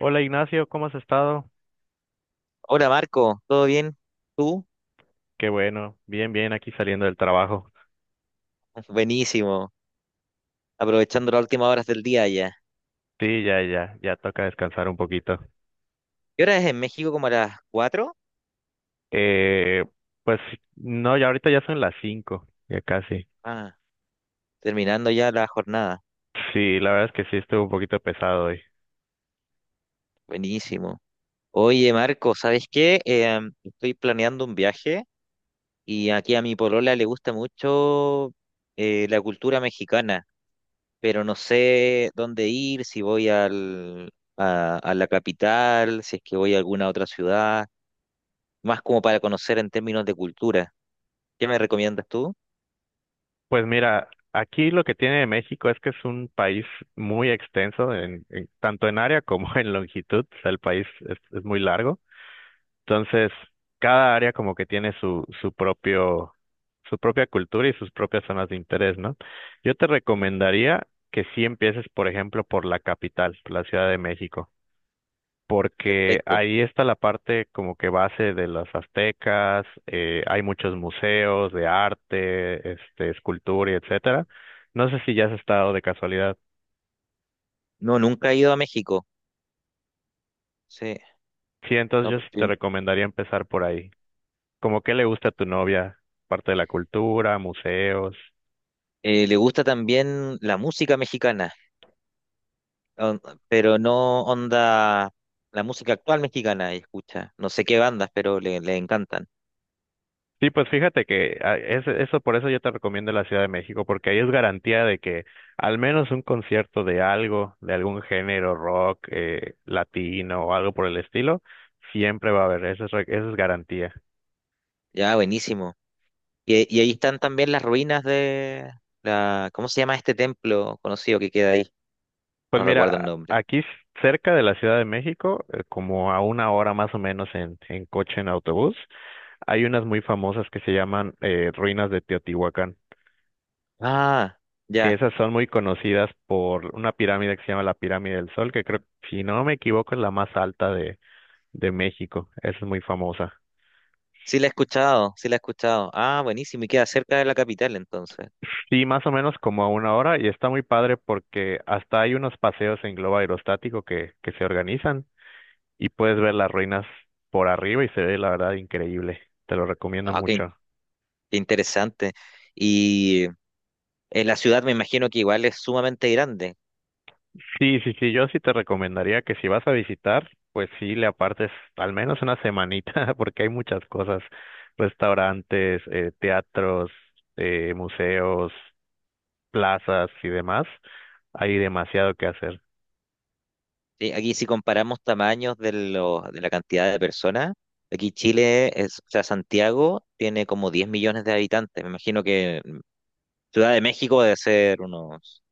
Hola Ignacio, ¿cómo has estado? Hola Marco, ¿todo bien? ¿Tú? Qué bueno, bien, bien, aquí saliendo del trabajo. Ah, buenísimo, aprovechando las últimas horas del día ya. Sí, ya, ya, ya toca descansar un poquito. ¿Qué hora es en México? ¿Como a las cuatro, Eh, pues no, ya ahorita ya son las 5, ya casi. Ah, terminando ya la jornada. Sí, la verdad es que sí estuvo un poquito pesado hoy. Buenísimo. Oye Marco, ¿sabes qué? Estoy planeando un viaje y aquí a mi polola le gusta mucho la cultura mexicana, pero no sé dónde ir, si voy al, a la capital, si es que voy a alguna otra ciudad, más como para conocer en términos de cultura. ¿Qué me recomiendas tú? Pues mira, aquí lo que tiene México es que es un país muy extenso, tanto en área como en longitud, o sea, el país es muy largo. Entonces, cada área como que tiene su propia cultura y sus propias zonas de interés, ¿no? Yo te recomendaría que sí empieces, por ejemplo, por la capital, por la Ciudad de México, porque Perfecto. ahí está la parte como que base de los aztecas, hay muchos museos de arte, escultura y etcétera. No sé si ya has estado de casualidad. No, nunca he ido a México. Sí. Sí, entonces No, yo p- sí te p- recomendaría empezar por ahí. Como qué le gusta a tu novia, parte de la cultura, museos. Le gusta también la música mexicana, on- pero no onda la música actual mexicana, ella escucha. No sé qué bandas, pero le encantan. Sí, pues fíjate que eso, por eso yo te recomiendo la Ciudad de México, porque ahí es garantía de que al menos un concierto de algo, de algún género rock, latino o algo por el estilo, siempre va a haber, eso es garantía. Ya, buenísimo. Y ahí están también las ruinas de ¿cómo se llama este templo conocido que queda ahí? Pues No recuerdo el mira, nombre. Cerca de la Ciudad de México, como a una hora más o menos en coche, en autobús, hay unas muy famosas que se llaman Ruinas de Teotihuacán. Ah, Que ya. esas son muy conocidas por una pirámide que se llama la Pirámide del Sol, que creo, si no me equivoco, es la más alta de México. Esa es muy famosa. Sí la he escuchado, sí la he escuchado. Ah, buenísimo. Y queda cerca de la capital entonces. Sí, más o menos como a una hora y está muy padre porque hasta hay unos paseos en globo aerostático que se organizan y puedes ver las ruinas por arriba y se ve la verdad increíble. Te lo recomiendo Ah, mucho. qué interesante. Y En la ciudad me imagino que igual es sumamente grande. Sí, sí, sí, yo sí te recomendaría que si vas a visitar, pues sí le apartes al menos una semanita, porque hay muchas cosas, restaurantes, teatros, museos, plazas y demás, hay demasiado que hacer. Sí, aquí si comparamos tamaños de la cantidad de personas, aquí Chile, es, o sea, Santiago tiene como 10 millones de habitantes. Me imagino que Ciudad de México debe ser unos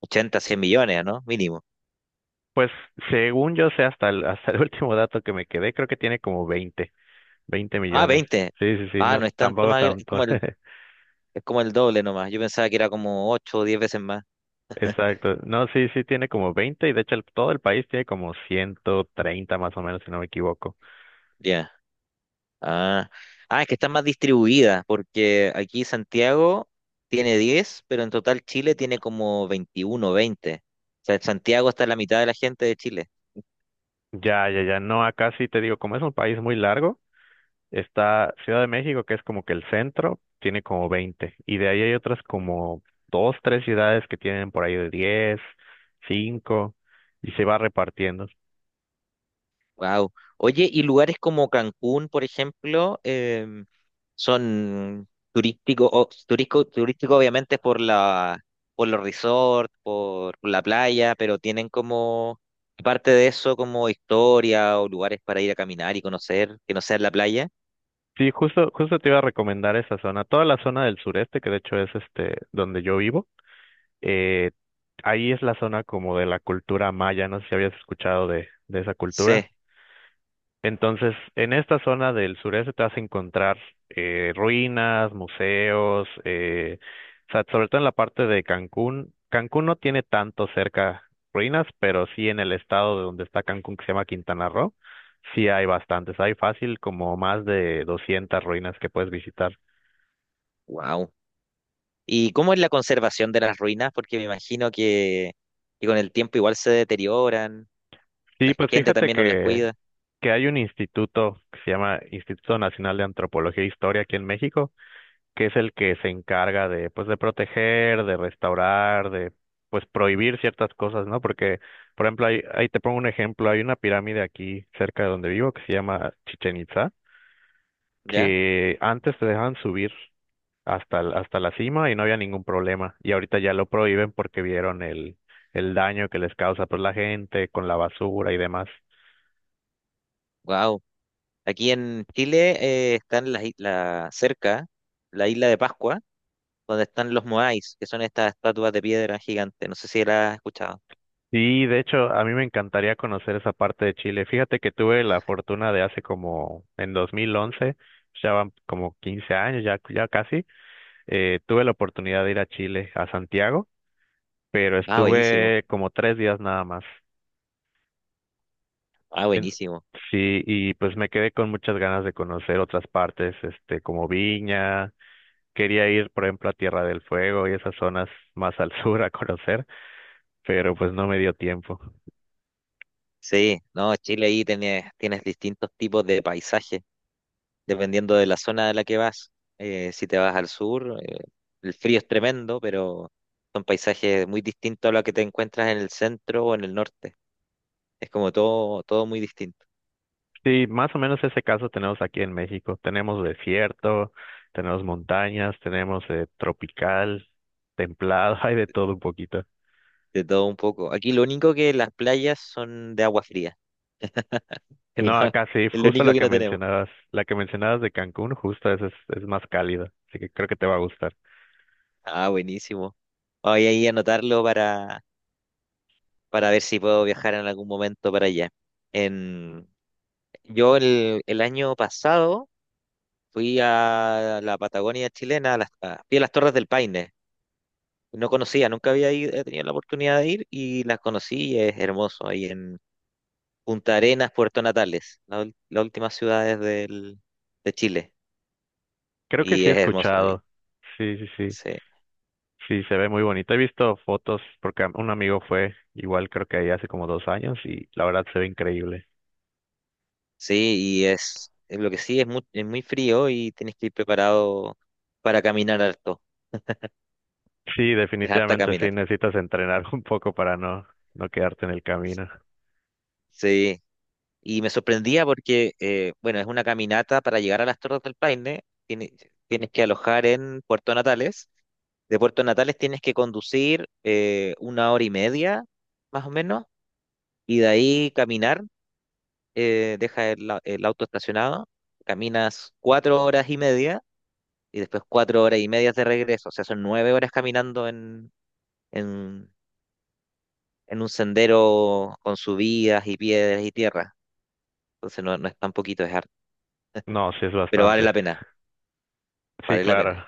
80 100 millones, ¿no? Mínimo. Pues según yo sé, hasta el último dato que me quedé, creo que tiene como veinte Ah, millones. veinte. Sí, sí, sí, Ah, no es no es tanto tampoco más, tanto. Es como el doble nomás. Yo pensaba que era como 8 o 10 veces más. Exacto. No, sí, sí, tiene como 20 y de hecho todo el país tiene como 130 más o menos, si no me equivoco. Ya. Ah, ah, es que están más distribuidas, porque aquí Santiago tiene 10, pero en total Chile tiene como 21, 20. O sea, Santiago está la mitad de la gente de Chile. Ya, ya, ya. No, acá sí te digo, como es un país muy largo, está Ciudad de México, que es como que el centro, tiene como 20, y de ahí hay otras como dos, tres ciudades que tienen por ahí de 10, 5, y se va repartiendo. Wow. Oye, ¿y lugares como Cancún, por ejemplo, son turísticos, turístico, turístico obviamente por la, por los resorts, por la playa, pero tienen como, aparte de eso, como historia o lugares para ir a caminar y conocer, que no sea la playa? Sí, justo, justo te iba a recomendar esa zona. Toda la zona del sureste, que de hecho es donde yo vivo, eh, ahí es la zona como de la cultura maya. No sé si habías escuchado de esa Sí. cultura. Entonces, en esta zona del sureste te vas a encontrar ruinas, museos, o sea, sobre todo en la parte de Cancún. Cancún no tiene tanto cerca ruinas, pero sí en el estado de donde está Cancún, que se llama Quintana Roo, sí hay bastantes. Hay fácil como más de 200 ruinas que puedes visitar. Wow. ¿Y cómo es la conservación de las ruinas? Porque me imagino que con el tiempo igual se deterioran, Sí, la pues gente fíjate también no las que, cuida, que hay un instituto que se llama Instituto Nacional de Antropología e Historia aquí en México que es el que se encarga de, pues, de proteger, de restaurar, de, pues, prohibir ciertas cosas, ¿no? Porque, por ejemplo, ahí te pongo un ejemplo, hay una pirámide aquí cerca de donde vivo que se llama Chichen Itza, ¿ya? que antes te dejaban subir hasta la cima y no había ningún problema, y ahorita ya lo prohíben porque vieron el daño que les causa, pues, la gente con la basura y demás. Wow. Aquí en Chile están cerca, la isla de Pascua, donde están los moais, que son estas estatuas de piedra gigantes. No sé si la has escuchado. Sí, de hecho, a mí me encantaría conocer esa parte de Chile. Fíjate que tuve la fortuna de hace como en 2011, ya van como 15 años, ya, ya casi, tuve la oportunidad de ir a Chile, a Santiago, pero Ah, buenísimo. estuve como 3 días nada más. Ah, En- buenísimo. Sí, y pues me quedé con muchas ganas de conocer otras partes, como Viña, quería ir, por ejemplo, a Tierra del Fuego y esas zonas más al sur a conocer pero pues no me dio tiempo. Sí, no, Chile ahí tienes distintos tipos de paisajes, dependiendo de la zona de la que vas. Si te vas al sur, el frío es tremendo, pero son paisajes muy distintos a los que te encuentras en el centro o en el norte. Es como todo, todo muy distinto, Sí, más o menos ese caso tenemos aquí en México. Tenemos desierto, tenemos montañas, tenemos tropical, templado, hay de todo un poquito. de todo un poco. Aquí lo único que las playas son de agua fría, es No, lo, acá sí, es lo justo la único que que no tenemos. mencionabas, la que mencionabas de Cancún, justo esa es más cálida, así que creo que te va a gustar. Ah, buenísimo. Voy a ir a anotarlo para ver si puedo viajar en algún momento para allá. En, yo el año pasado fui a la Patagonia chilena, fui a las Torres del Paine. No conocía, nunca había ido- he tenido la oportunidad de ir y las conocí y es hermoso ahí en Punta Arenas, Puerto Natales, las últimas ciudades de Chile. Creo que Y sí he es hermoso ahí. escuchado. Sí, sí, sí. Sí, Sí, se ve muy bonito. He visto fotos porque un amigo fue igual creo que ahí hace como 2 años y la verdad se ve increíble. sí, y es lo que sí, es muy frío y tienes que ir preparado para caminar harto. Sí, Es harta definitivamente sí, caminata. necesitas entrenar un poco para no quedarte en el camino. Sí, y me sorprendía porque, bueno, es una caminata para llegar a las Torres del Paine. Tienes que alojar en Puerto Natales. De Puerto Natales tienes que conducir una hora y media, más o menos, y de ahí caminar. Deja el auto estacionado, caminas 4 horas y media y después 4 horas y media de regreso. O sea, son 9 horas caminando en, en, en un sendero con subidas y piedras y tierra. Entonces no, no es tan poquito, es harto, No, sí es pero vale bastante. la pena, Sí, vale la pena. claro.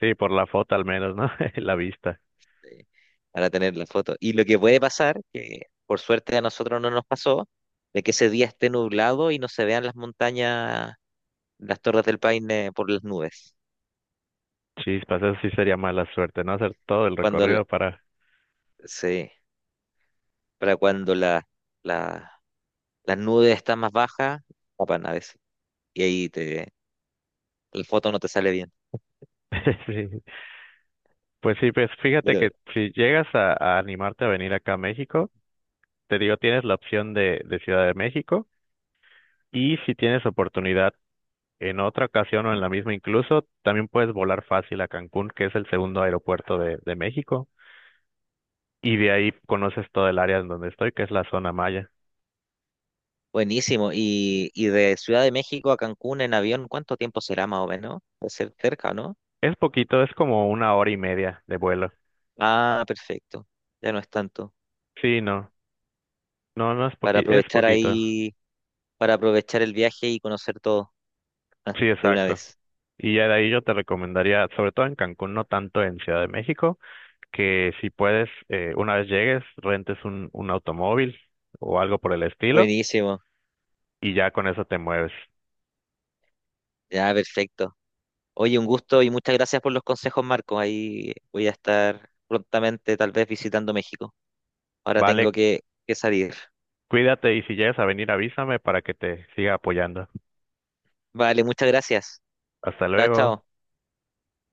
Sí, por la foto al menos, ¿no? La vista. eh, para tener la foto. Y lo que puede pasar, que por suerte a nosotros no nos pasó, de que ese día esté nublado y no se vean las montañas, las torres del Paine por las nubes. Chispas, eso sí sería mala suerte, ¿no? Hacer todo el Cuando la- recorrido. sí, para cuando la- las nubes están más bajas, tapan a veces. Y ahí la foto no te sale bien. Sí. Pues sí, pues fíjate Pero que si llegas a animarte a venir acá a México, te digo, tienes la opción de Ciudad de México. Y si tienes oportunidad en otra ocasión o en la misma incluso, también puedes volar fácil a Cancún, que es el segundo aeropuerto de México, y de ahí conoces todo el área en donde estoy, que es la zona maya. buenísimo. Y de Ciudad de México a Cancún en avión, ¿cuánto tiempo será más o menos? Puede ser cerca, ¿no? Es poquito, es como una hora y media de vuelo. Ah, perfecto. Ya no es tanto. Sí, no, no, no es Para poqui, es aprovechar poquito. ahí para aprovechar el viaje y conocer todo Sí, de una exacto. vez. Y ya de ahí yo te recomendaría, sobre todo en Cancún, no tanto en Ciudad de México, que si puedes, una vez llegues, rentes un automóvil o algo por el estilo, Buenísimo, y ya con eso te mueves. ya perfecto. Oye, un gusto y muchas gracias por los consejos, Marco. Ahí voy a estar prontamente, tal vez visitando México. Ahora Vale. tengo que salir. Cuídate y si llegas a venir, avísame para que te siga apoyando. Vale, muchas gracias. Hasta Chao, luego. chao.